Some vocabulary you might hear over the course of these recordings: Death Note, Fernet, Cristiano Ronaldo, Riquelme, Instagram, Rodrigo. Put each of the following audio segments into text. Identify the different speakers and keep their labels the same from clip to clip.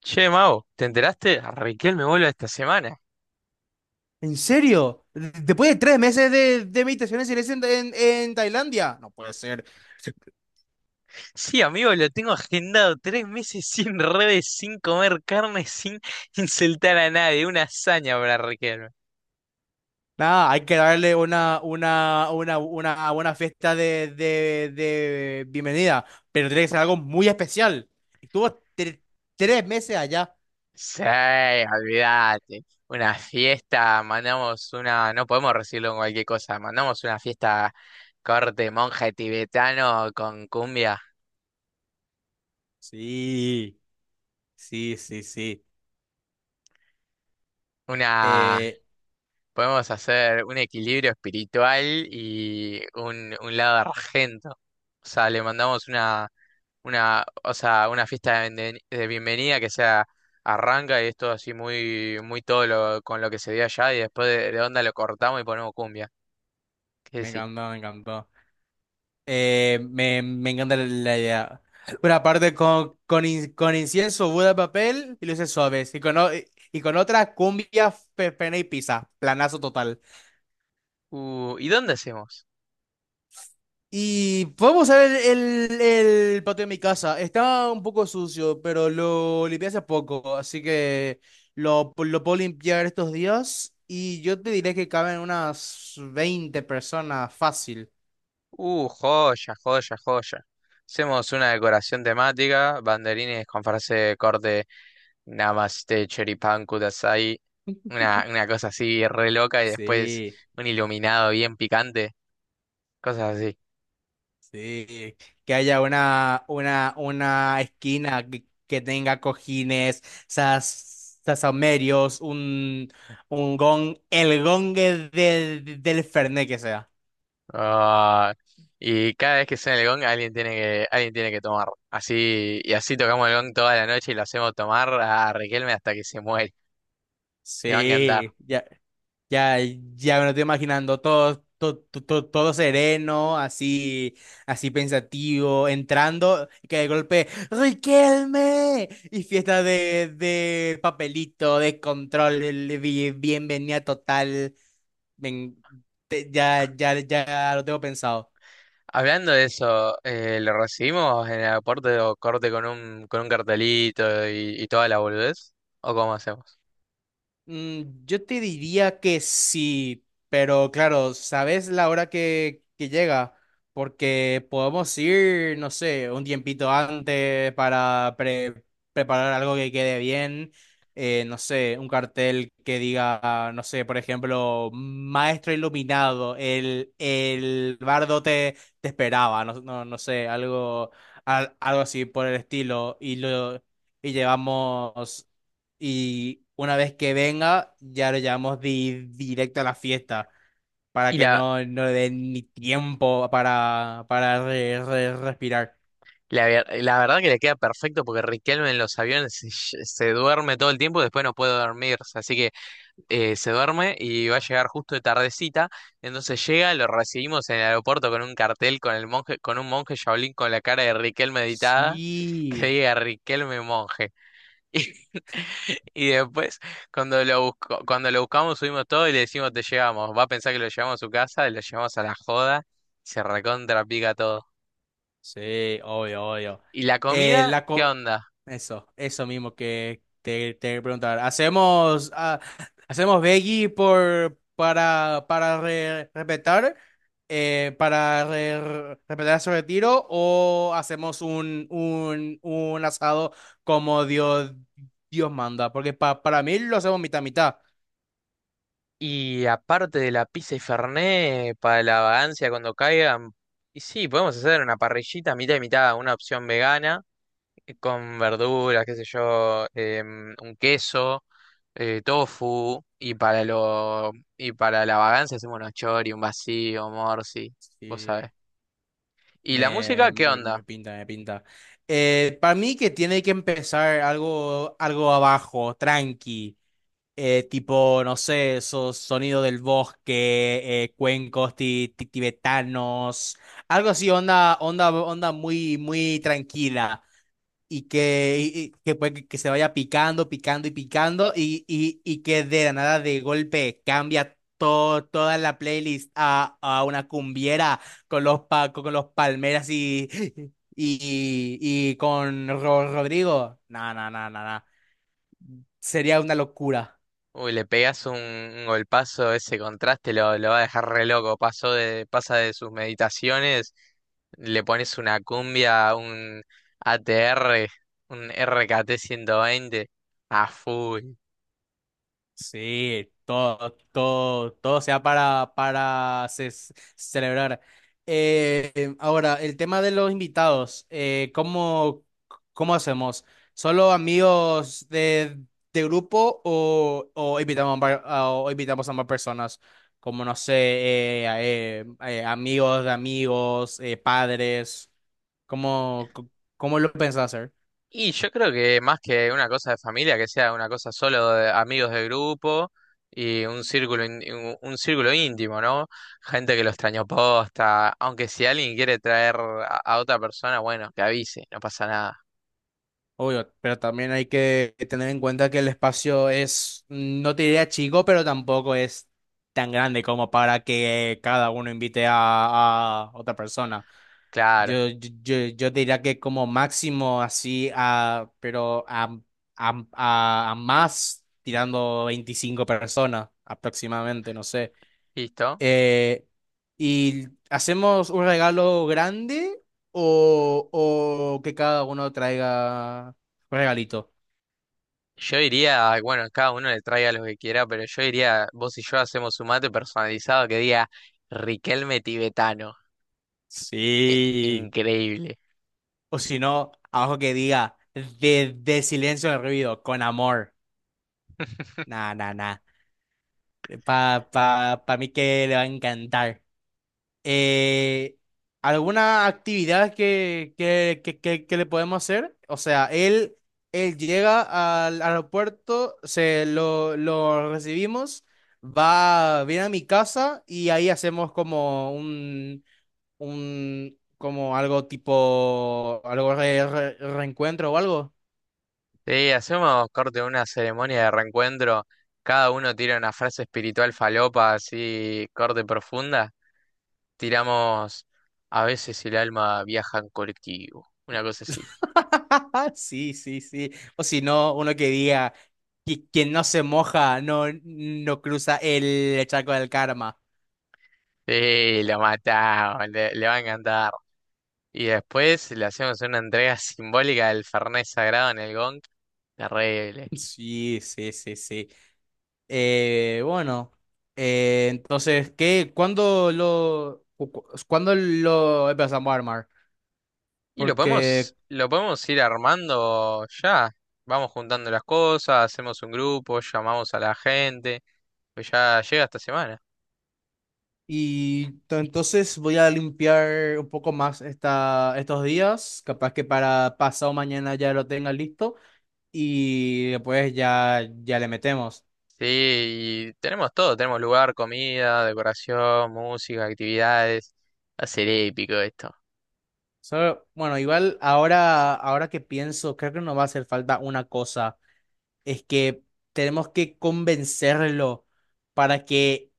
Speaker 1: Che, Mau, ¿te enteraste? Raquel me vuelve esta semana.
Speaker 2: ¿En serio? Después de 3 meses de meditaciones en Tailandia. No puede ser. Sí.
Speaker 1: Sí, amigo, lo tengo agendado 3 meses sin redes, sin comer carne, sin insultar a nadie. Una hazaña para Raquel.
Speaker 2: Nada, hay que darle una buena fiesta de bienvenida, pero tiene que ser algo muy especial. Estuvo 3 meses allá.
Speaker 1: Sí, olvídate. Una fiesta, mandamos una. No podemos recibirlo con cualquier cosa. Mandamos una fiesta corte monje tibetano con cumbia.
Speaker 2: Sí, sí, sí, sí.
Speaker 1: Una.
Speaker 2: Eh,
Speaker 1: Podemos hacer un equilibrio espiritual y un lado argento. O sea, le mandamos una, o sea, una fiesta de bienvenida que sea arranca y es todo así muy, muy todo lo, con lo que se dio allá y después de onda lo cortamos y ponemos cumbia. ¿Qué
Speaker 2: me
Speaker 1: decís?
Speaker 2: encantó, me encantó. Me encanta la idea. Una parte con incienso, Buda de papel y luces suaves. Y con otra, cumbia, pena y pizza. Planazo total.
Speaker 1: ¿Y dónde hacemos?
Speaker 2: Y podemos ver el patio de mi casa. Está un poco sucio, pero lo limpié hace poco. Así que lo puedo limpiar estos días. Y yo te diré que caben unas 20 personas fácil.
Speaker 1: Joya, joya, joya. Hacemos una decoración temática, banderines con frase de corte Namaste Choripán Kudasai, una cosa así re loca y después
Speaker 2: Sí.
Speaker 1: un iluminado bien picante, cosas así.
Speaker 2: Sí, que haya una esquina que tenga cojines, sasomerios, un gong, el gong del Fernet que sea.
Speaker 1: Ah, y cada vez que suena el gong, alguien tiene que tomar. Así, y así tocamos el gong toda la noche y lo hacemos tomar a Riquelme hasta que se muere. Le va a encantar.
Speaker 2: Sí, ya. Ya, ya me lo estoy imaginando todo, todo, todo, todo sereno, así, así pensativo, entrando, y que de golpe, ¡Riquelme! Y fiesta de papelito, de control, el bienvenida total. Ven, ya, ya, ya lo tengo pensado.
Speaker 1: Hablando de eso, lo recibimos en el aeropuerto corte con un cartelito y, toda la boludez. ¿O cómo hacemos?
Speaker 2: Yo te diría que sí, pero claro, ¿sabes la hora que llega? Porque podemos ir, no sé, un tiempito antes para preparar algo que quede bien. No sé, un cartel que diga, no sé, por ejemplo, Maestro Iluminado, el bardo te esperaba, no, no, no sé, algo, algo así por el estilo. Y llevamos. Y una vez que venga, ya lo llevamos directo a la fiesta para
Speaker 1: Y
Speaker 2: que no le den ni tiempo para respirar.
Speaker 1: la verdad que le queda perfecto porque Riquelme en los aviones se duerme todo el tiempo y después no puede dormirse. Así que se duerme y va a llegar justo de tardecita. Entonces llega, lo recibimos en el aeropuerto con un cartel con el monje, con un monje Shaolin con la cara de Riquelme meditada, que
Speaker 2: Sí.
Speaker 1: diga Riquelme monje. Y, y después, cuando lo buscamos, subimos todo y le decimos te llevamos. Va a pensar que lo llevamos a su casa, lo llevamos a la joda, y se recontra pica todo.
Speaker 2: Sí, obvio, obvio.
Speaker 1: ¿Y la
Speaker 2: Eh,
Speaker 1: comida?
Speaker 2: la
Speaker 1: ¿Qué
Speaker 2: co-
Speaker 1: onda?
Speaker 2: eso, eso mismo que te preguntar. ¿Hacemos veggie para respetar, respetar su retiro o hacemos un asado como Dios manda. Porque para mí lo hacemos mitad mitad.
Speaker 1: Y aparte de la pizza y fernet, para la vagancia cuando caigan, y sí, podemos hacer una parrillita mitad y mitad, una opción vegana, con verduras, qué sé yo, un queso, tofu, y para lo, y para la vagancia hacemos unos chori, un vacío, morsi, vos sabés.
Speaker 2: Sí.
Speaker 1: ¿Y la
Speaker 2: Me,
Speaker 1: música qué
Speaker 2: me- me
Speaker 1: onda?
Speaker 2: pinta, me pinta. Para mí que tiene que empezar algo, algo abajo, tranqui, tipo, no sé, esos sonidos del bosque, cuencos tibetanos, algo así, onda muy, muy tranquila y y que, pues, que se vaya picando, picando y picando y que de la nada de golpe cambia to toda la playlist a una cumbiera con los palmeras y, y, y con Rodrigo. No, no, no, no, no. Sería una locura.
Speaker 1: Uy, le pegas un golpazo, ese contraste lo va a dejar re loco. Pasa de sus meditaciones, le pones una cumbia, un ATR un RKT 120 a full.
Speaker 2: Sí, todo, todo, todo sea para celebrar. Ahora, el tema de los invitados, cómo hacemos? ¿Solo amigos de grupo o invitamos a, var- a- o invitamos a más personas? Como, no sé, amigos de amigos, padres. ¿Cómo, Cómo lo pensás hacer?
Speaker 1: Y yo creo que más que una cosa de familia, que sea una cosa solo de amigos de grupo y un círculo íntimo, ¿no? Gente que lo extrañó posta. Aunque si alguien quiere traer a otra persona, bueno, que avise, no pasa nada.
Speaker 2: Obvio, pero también hay que tener en cuenta que el espacio es, no te diría chico, pero tampoco es tan grande como para que cada uno invite a otra persona.
Speaker 1: Claro,
Speaker 2: Yo diría que como máximo así, pero a más tirando 25 personas aproximadamente, no sé.
Speaker 1: listo.
Speaker 2: Eh, ¿y hacemos un regalo grande o que cada uno traiga un regalito?
Speaker 1: Yo diría, bueno, cada uno le traiga lo que quiera, pero yo diría, vos y yo hacemos un mate personalizado que diga Riquelme tibetano.
Speaker 2: Sí.
Speaker 1: Increíble.
Speaker 2: O si no, abajo que diga, de silencio al ruido, con amor. Nah, nah, nah. Pa mí que le va a encantar. Eh, ¿alguna actividad que le podemos hacer? O sea, él llega al aeropuerto, se lo recibimos, viene a mi casa y ahí hacemos como un como algo tipo, algo reencuentro o algo.
Speaker 1: Sí, hacemos corte una ceremonia de reencuentro. Cada uno tira una frase espiritual falopa, así, corte profunda. Tiramos, a veces el alma viaja en colectivo. Una cosa así.
Speaker 2: Sí, sí, sí. O si no, uno que diga, Quien no se moja no cruza el charco del karma".
Speaker 1: Sí, lo matamos, le va a encantar. Y después le hacemos una entrega simbólica del Fernet Sagrado en el Gong. Terrible.
Speaker 2: Sí, sí, sí, sí. Bueno, entonces, ¿qué? Cuándo lo empezamos a armar?
Speaker 1: Y lo podemos,
Speaker 2: Porque,
Speaker 1: lo podemos ir armando ya. Vamos juntando las cosas, hacemos un grupo, llamamos a la gente, pues ya llega esta semana.
Speaker 2: y entonces voy a limpiar un poco más estos días, capaz que para pasado mañana ya lo tenga listo y después ya, ya le metemos.
Speaker 1: Sí, y tenemos todo, tenemos lugar, comida, decoración, música, actividades. Va a ser épico esto.
Speaker 2: Bueno, igual ahora, que pienso, creo que nos va a hacer falta una cosa. Es que tenemos que convencerlo para que,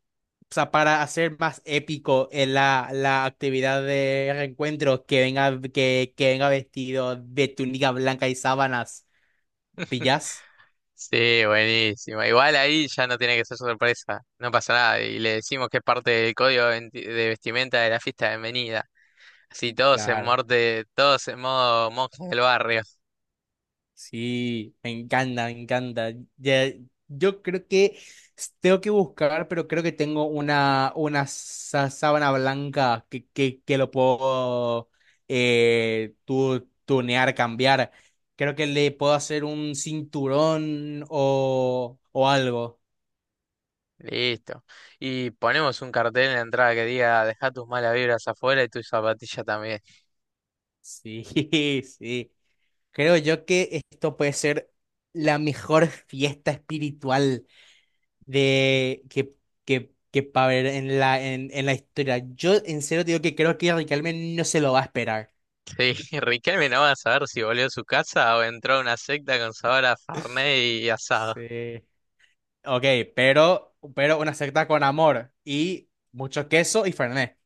Speaker 2: o sea, para hacer más épico la actividad de reencuentro, que venga, que venga vestido de túnica blanca y sábanas, ¿pillas?
Speaker 1: Sí, buenísimo. Igual ahí ya no tiene que ser sorpresa, no pasa nada. Y le decimos que es parte del código de vestimenta de la fiesta de bienvenida. Sí, todos en
Speaker 2: Claro.
Speaker 1: morte, todos en modo monje del barrio.
Speaker 2: Sí, me encanta, me encanta. Ya, yo creo que tengo que buscar, pero creo que tengo una sábana blanca que lo puedo tunear, cambiar. Creo que le puedo hacer un cinturón o algo.
Speaker 1: Listo. Y ponemos un cartel en la entrada que diga, deja tus malas vibras afuera y tus zapatillas también.
Speaker 2: Sí, sí. Creo yo que esto puede ser la mejor fiesta espiritual de que para ver en en la historia. Yo en serio digo que creo que Riquelme no se lo va a esperar.
Speaker 1: Sí, Riquelme no va a saber si volvió a su casa o entró a una secta con sabor a Fernet y asado.
Speaker 2: Sí. Ok, pero una secta con amor y mucho queso y fernet.